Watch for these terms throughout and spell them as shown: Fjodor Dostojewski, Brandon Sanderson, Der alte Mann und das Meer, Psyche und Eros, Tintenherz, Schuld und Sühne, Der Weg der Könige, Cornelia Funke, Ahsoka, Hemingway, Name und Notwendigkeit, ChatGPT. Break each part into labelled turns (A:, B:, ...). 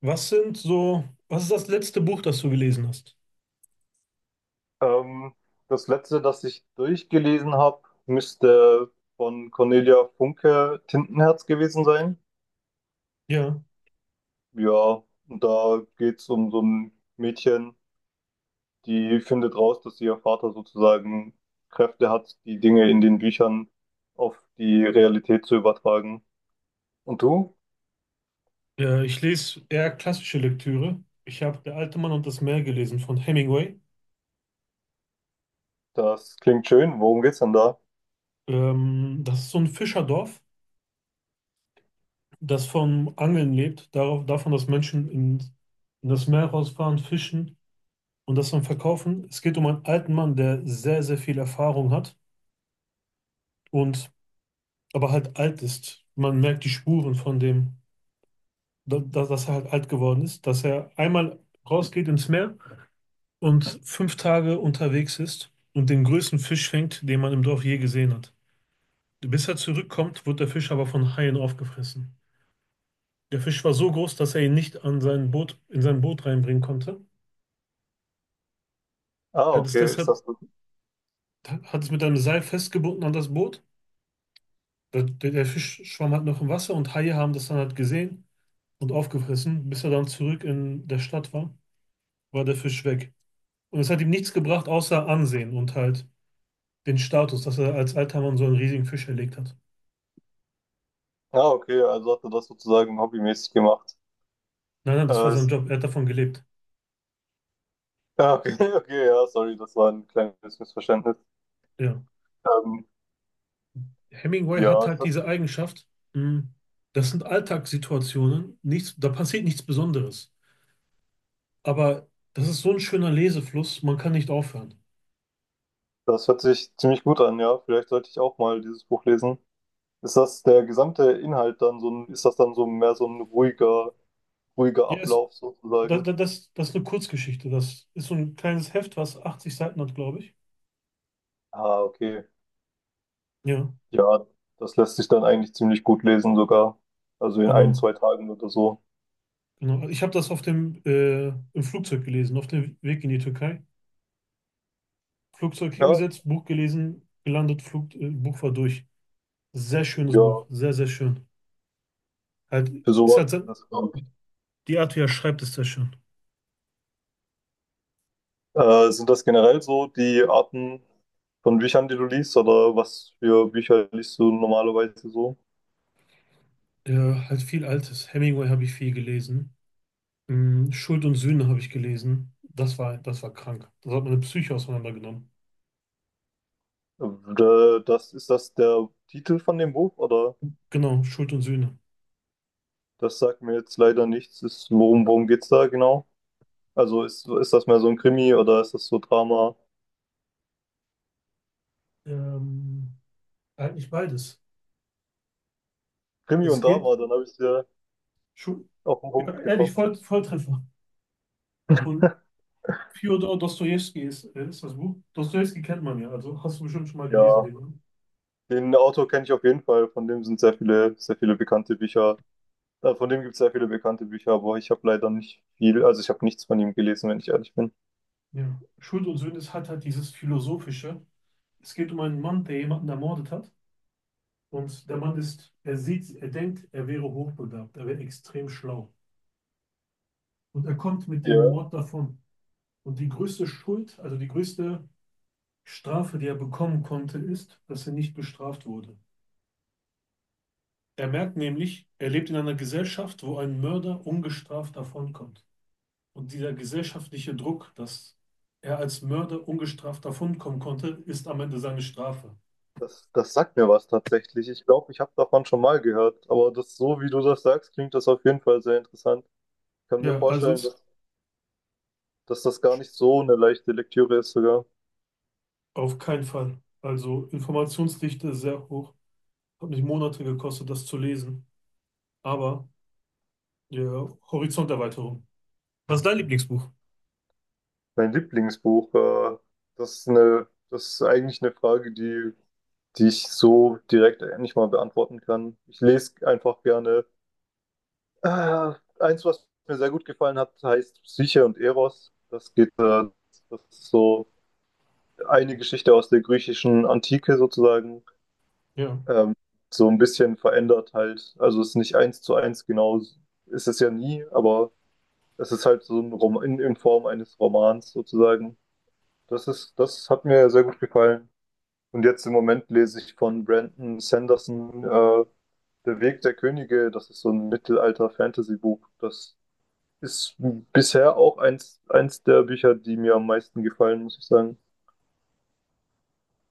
A: Was sind so, was ist das letzte Buch, das du gelesen hast?
B: Ähm, Das letzte, das ich durchgelesen habe, müsste von Cornelia Funke Tintenherz gewesen sein.
A: Ja,
B: Ja, und da geht es um so ein Mädchen, die findet raus, dass ihr Vater sozusagen Kräfte hat, die Dinge in den Büchern auf die Realität zu übertragen. Und du?
A: Ich lese eher klassische Lektüre. Ich habe Der alte Mann und das Meer gelesen von Hemingway.
B: Das klingt schön. Worum geht's denn da?
A: Das ist so ein Fischerdorf, das vom Angeln lebt, darauf, davon, dass Menschen in das Meer rausfahren, fischen und das dann verkaufen. Es geht um einen alten Mann, der sehr, sehr viel Erfahrung hat und aber halt alt ist. Man merkt die Spuren von dem, dass er halt alt geworden ist, dass er einmal rausgeht ins Meer und fünf Tage unterwegs ist und den größten Fisch fängt, den man im Dorf je gesehen hat. Bis er zurückkommt, wird der Fisch aber von Haien aufgefressen. Der Fisch war so groß, dass er ihn nicht an sein in sein Boot reinbringen konnte.
B: Ah,
A: Er hat es
B: okay, ist
A: deshalb
B: das so?
A: hat es mit einem Seil festgebunden an das Boot. Der Fisch schwamm halt noch im Wasser und Haie haben das dann halt gesehen und aufgefressen. Bis er dann zurück in der Stadt war, war der Fisch weg. Und es hat ihm nichts gebracht, außer Ansehen und halt den Status, dass er als alter Mann so einen riesigen Fisch erlegt hat.
B: Ah, okay, also hat er das sozusagen hobbymäßig gemacht.
A: Nein, nein, das war
B: Äh,
A: sein
B: ist...
A: Job. Er hat davon gelebt.
B: Ah, okay, okay, ja, sorry, das war ein kleines Missverständnis.
A: Ja.
B: Ähm,
A: Hemingway
B: ja,
A: hat halt
B: das,
A: diese Eigenschaft. mh, Das sind Alltagssituationen. Nichts, da passiert nichts Besonderes. Aber das ist so ein schöner Lesefluss. Man kann nicht aufhören.
B: das hört sich ziemlich gut an, ja. Vielleicht sollte ich auch mal dieses Buch lesen. Ist das der gesamte Inhalt, dann so ein, ist das dann so mehr so ein ruhiger, ruhiger
A: Ja, es,
B: Ablauf sozusagen?
A: das ist eine Kurzgeschichte. Das ist so ein kleines Heft, was 80 Seiten hat, glaube ich.
B: Ah, okay.
A: Ja,
B: Ja, das lässt sich dann eigentlich ziemlich gut lesen sogar. Also in ein,
A: genau.
B: zwei Tagen oder so.
A: Genau. Also ich habe das auf dem im Flugzeug gelesen, auf dem Weg in die Türkei. Flugzeug
B: Ja,
A: hingesetzt, Buch gelesen, gelandet, Buch war durch. Sehr schönes
B: ja,
A: Buch. Sehr, sehr schön. Halt,
B: für
A: ist
B: sowas
A: halt,
B: ist
A: so-
B: das, glaube ich.
A: Die Art, wie er schreibt, ist sehr schön.
B: Sind das generell so die Arten von Büchern, die du liest, oder was für Bücher liest du normalerweise so?
A: Ja, halt viel Altes. Hemingway habe ich viel gelesen. Mm, Schuld und Sühne habe ich gelesen. Das war krank. Das hat meine Psyche auseinandergenommen.
B: Das ist, das der Titel von dem Buch, oder?
A: Genau, Schuld und Sühne.
B: Das sagt mir jetzt leider nichts. Ist, worum geht's da genau? Also ist das mehr so ein Krimi oder ist das so Drama?
A: Ähm, Eigentlich beides.
B: Krimi und
A: Es geht,
B: Drama, dann habe ich es ja
A: Schu-
B: auf den
A: ja,
B: Punkt
A: ehrlich,
B: getroffen.
A: Voll, Volltreffer. Von Fjodor Dostojewski ist das Buch. Dostojewski kennt man ja, also hast du bestimmt schon mal
B: Ja,
A: gelesen, den. Ne?
B: den Autor kenne ich auf jeden Fall. Von dem sind sehr viele bekannte Bücher. Von dem gibt es sehr viele bekannte Bücher, aber ich habe leider nicht viel, also ich habe nichts von ihm gelesen, wenn ich ehrlich bin.
A: Ja. Schuld und Sühne hat halt dieses Philosophische. Es geht um einen Mann, der jemanden ermordet hat. Und der er sieht, er denkt, er wäre hochbegabt, er wäre extrem schlau. Und er kommt mit dem
B: Ja,
A: Mord davon. Und die größte Schuld, also die größte Strafe, die er bekommen konnte, ist, dass er nicht bestraft wurde. Er merkt nämlich, er lebt in einer Gesellschaft, wo ein Mörder ungestraft davonkommt. Und dieser gesellschaftliche Druck, dass er als Mörder ungestraft davonkommen konnte, ist am Ende seine Strafe.
B: das sagt mir was tatsächlich. Ich glaube, ich habe davon schon mal gehört, aber das, so wie du das sagst, klingt das auf jeden Fall sehr interessant. Ich kann mir
A: Ja, also
B: vorstellen,
A: ist
B: dass, dass das gar nicht so eine leichte Lektüre ist sogar.
A: Auf keinen Fall. Also Informationsdichte sehr hoch. Hat mich Monate gekostet, das zu lesen. Aber ja, Horizonterweiterung. Was ist dein Lieblingsbuch?
B: Mein Lieblingsbuch, das ist eine, das ist eigentlich eine Frage, die, die ich so direkt nicht mal beantworten kann. Ich lese einfach gerne. Äh, Eins, was mir sehr gut gefallen hat, heißt Psyche und Eros. Das geht, das ist so eine Geschichte aus der griechischen Antike sozusagen.
A: Ja,
B: Ähm, so ein bisschen verändert halt. Also es ist nicht eins zu eins genau, ist es ja nie, aber es ist halt so ein Roman in Form eines Romans sozusagen. Das ist, das hat mir sehr gut gefallen. Und jetzt im Moment lese ich von Brandon Sanderson Der Weg der Könige. Das ist so ein Mittelalter-Fantasy-Buch. Das ist bisher auch eins, eins der Bücher, die mir am meisten gefallen, muss ich sagen.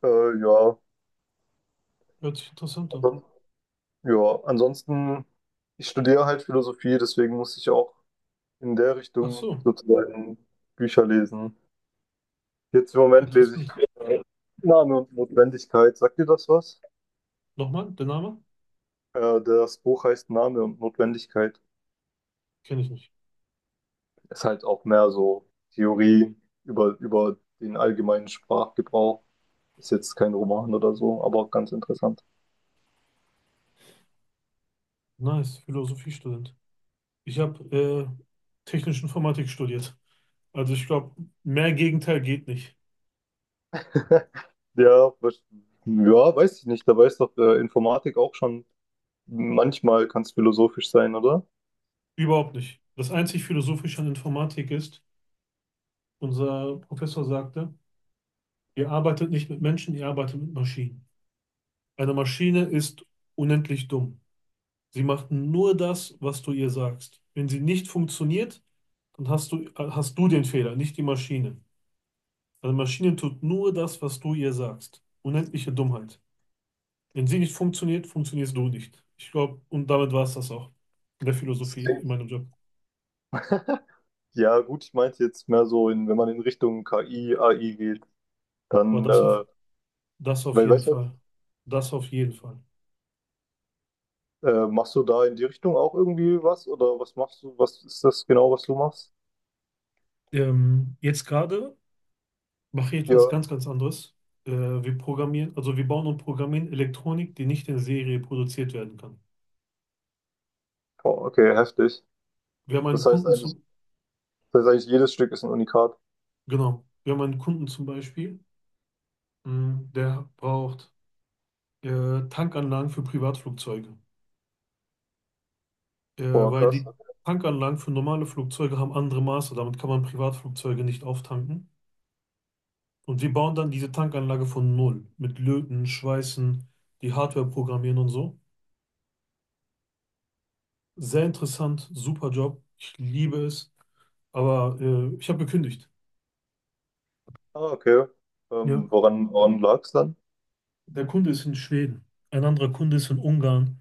B: Ja,
A: hört sich interessant an.
B: ansonsten- ja, ansonsten, ich studiere halt Philosophie, deswegen muss ich auch in der
A: Ach
B: Richtung
A: so,
B: sozusagen Bücher lesen. Jetzt im Moment lese ich
A: interessant.
B: äh, Name und Notwendigkeit. Sagt dir das was?
A: Nochmal, der Name?
B: Das Buch heißt Name und Notwendigkeit.
A: Kenne ich nicht.
B: Ist halt auch mehr so Theorie über den allgemeinen Sprachgebrauch. Ist jetzt kein Roman oder so, aber ganz interessant.
A: Nice, Philosophiestudent. Ich habe technische Informatik studiert. Also ich glaube, mehr Gegenteil geht nicht.
B: Ja, ja, weiß ich nicht. Da weiß doch Informatik auch schon, manchmal kann es philosophisch sein, oder?
A: Überhaupt nicht. Das einzig Philosophische an Informatik ist, unser Professor sagte, ihr arbeitet nicht mit Menschen, ihr arbeitet mit Maschinen. Eine Maschine ist unendlich dumm. Sie macht nur das, was du ihr sagst. Wenn sie nicht funktioniert, dann hast du den Fehler, nicht die Maschine. Also die Maschine tut nur das, was du ihr sagst. Unendliche Dummheit. Wenn sie nicht funktioniert, funktionierst du nicht. Ich glaube, und damit war es das auch. In der
B: Das
A: Philosophie, in
B: klingt,
A: meinem Job.
B: ja, gut, ich meinte jetzt mehr so, in, wenn man in Richtung KI, AI geht,
A: Aber
B: dann,
A: das auf, das auf
B: weil,
A: jeden
B: weißt du,
A: Fall. Das auf jeden Fall.
B: Machst du da in die Richtung auch irgendwie was? Oder was machst du? Was ist das genau, was du machst?
A: Jetzt gerade mache ich
B: Ja,
A: etwas ganz, ganz anderes. Wir bauen und programmieren Elektronik, die nicht in Serie produziert werden kann.
B: boah, okay, heftig.
A: Wir haben einen
B: Das heißt
A: Kunden,
B: eigentlich,
A: zum,
B: das heißt eigentlich jedes Stück ist ein Unikat.
A: Genau. Wir haben einen Kunden zum Beispiel, der braucht Tankanlagen für Privatflugzeuge,
B: Boah,
A: weil
B: krass.
A: die Tankanlagen für normale Flugzeuge haben andere Maße. Damit kann man Privatflugzeuge nicht auftanken. Und wir bauen dann diese Tankanlage von Null mit Löten, Schweißen, die Hardware programmieren und so. Sehr interessant, super Job. Ich liebe es. Aber ich habe gekündigt.
B: Ah, okay.
A: Ja.
B: Woran, woran lag es dann?
A: Der Kunde ist in Schweden. Ein anderer Kunde ist in Ungarn.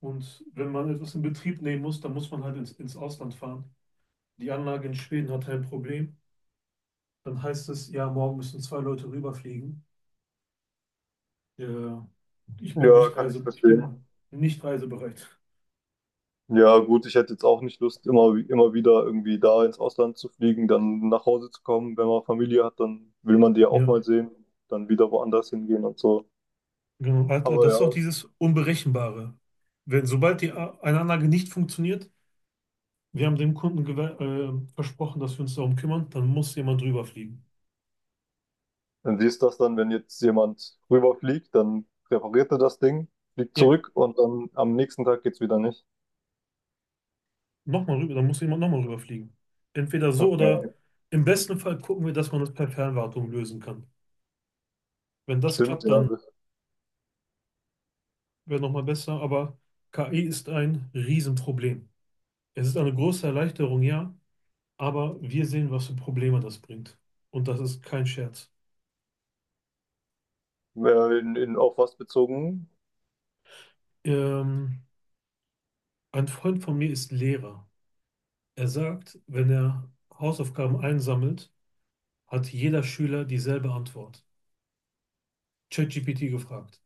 A: Und wenn man etwas in Betrieb nehmen muss, dann muss man halt ins Ausland fahren. Die Anlage in Schweden hatte ein Problem. Dann heißt es, ja, morgen müssen zwei Leute rüberfliegen. Ja,
B: Ja, kann ich
A: ich
B: verstehen.
A: bin nicht reisebereit.
B: Ja, gut, ich hätte jetzt auch nicht Lust, immer, immer wieder irgendwie da ins Ausland zu fliegen, dann nach Hause zu kommen. Wenn man Familie hat, dann will man die ja auch mal
A: Ja,
B: sehen, dann wieder woanders hingehen und so.
A: genau. Alter,
B: Aber
A: das ist
B: ja.
A: auch dieses Unberechenbare. Wenn, sobald eine Anlage nicht funktioniert, wir haben dem Kunden versprochen, dass wir uns darum kümmern, dann muss jemand drüber.
B: Und wie ist das dann, wenn jetzt jemand rüberfliegt, dann repariert er das Ding, fliegt
A: Ja.
B: zurück und dann am nächsten Tag geht's wieder nicht.
A: Nochmal rüber, dann muss jemand nochmal rüberfliegen. Entweder so oder
B: Okay,
A: im besten Fall gucken wir, dass man das per Fernwartung lösen kann. Wenn das
B: stimmt,
A: klappt,
B: ja.
A: dann wäre nochmal besser, aber KI ist ein Riesenproblem. Es ist eine große Erleichterung, ja, aber wir sehen, was für Probleme das bringt. Und das ist kein Scherz.
B: In, auf was bezogen?
A: Ähm, ein Freund von mir ist Lehrer. Er sagt, wenn er Hausaufgaben einsammelt, hat jeder Schüler dieselbe Antwort. ChatGPT gefragt.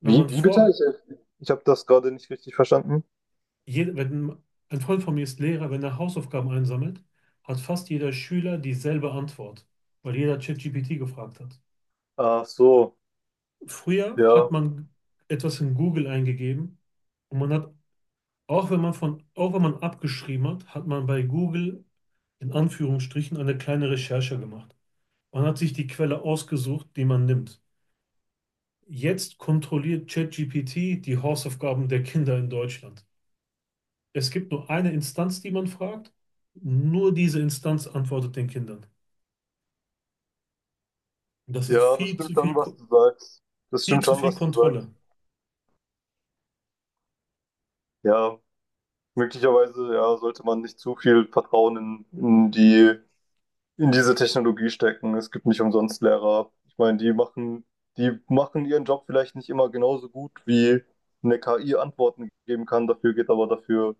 A: Wenn man
B: Wie, wie bitte?
A: vor,
B: Ich habe das gerade nicht richtig verstanden.
A: jed- wenn Ein Freund von mir ist Lehrer, wenn er Hausaufgaben einsammelt, hat fast jeder Schüler dieselbe Antwort, weil jeder ChatGPT gefragt hat.
B: Ach so,
A: Früher
B: ja.
A: hat man etwas in Google eingegeben und auch wenn man auch wenn man abgeschrieben hat, hat man bei Google in Anführungsstrichen eine kleine Recherche gemacht. Man hat sich die Quelle ausgesucht, die man nimmt. Jetzt kontrolliert ChatGPT die Hausaufgaben der Kinder in Deutschland. Es gibt nur eine Instanz, die man fragt. Nur diese Instanz antwortet den Kindern. Und das ist
B: Ja, das stimmt schon, was du sagst. Das
A: Viel
B: stimmt
A: zu
B: schon,
A: viel
B: was du sagst.
A: Kontrolle.
B: Ja, möglicherweise, ja, sollte man nicht zu viel Vertrauen in die in diese Technologie stecken. Es gibt nicht umsonst Lehrer. Ich meine, die machen ihren Job vielleicht nicht immer genauso gut, wie eine KI Antworten geben kann. Dafür geht aber dafür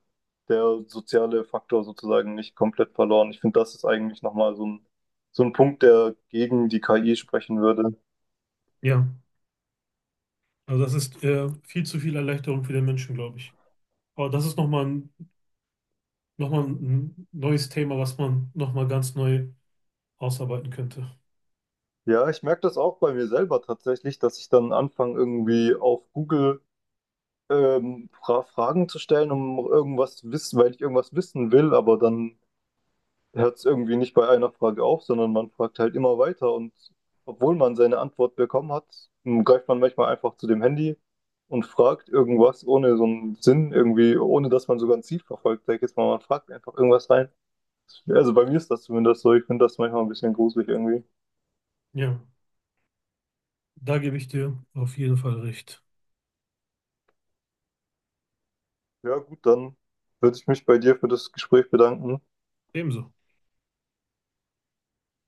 B: der soziale Faktor sozusagen nicht komplett verloren. Ich finde, das ist eigentlich nochmal so ein Punkt, der gegen die KI sprechen würde.
A: Ja, also das ist viel zu viel Erleichterung für den Menschen, glaube ich. Aber das ist nochmal ein neues Thema, was man nochmal ganz neu ausarbeiten könnte.
B: Ja, ich merke das auch bei mir selber tatsächlich, dass ich dann anfange, irgendwie auf Google Fragen zu stellen, um irgendwas wissen, weil ich irgendwas wissen will, aber dann hört es irgendwie nicht bei einer Frage auf, sondern man fragt halt immer weiter und obwohl man seine Antwort bekommen hat, greift man manchmal einfach zu dem Handy und fragt irgendwas ohne so einen Sinn irgendwie, ohne dass man sogar ein Ziel verfolgt. Sag ich jetzt mal, man fragt einfach irgendwas rein. Also bei mir ist das zumindest so. Ich finde das manchmal ein bisschen gruselig irgendwie.
A: Ja, da gebe ich dir auf jeden Fall recht.
B: Ja, gut, dann würde ich mich bei dir für das Gespräch bedanken.
A: Ebenso.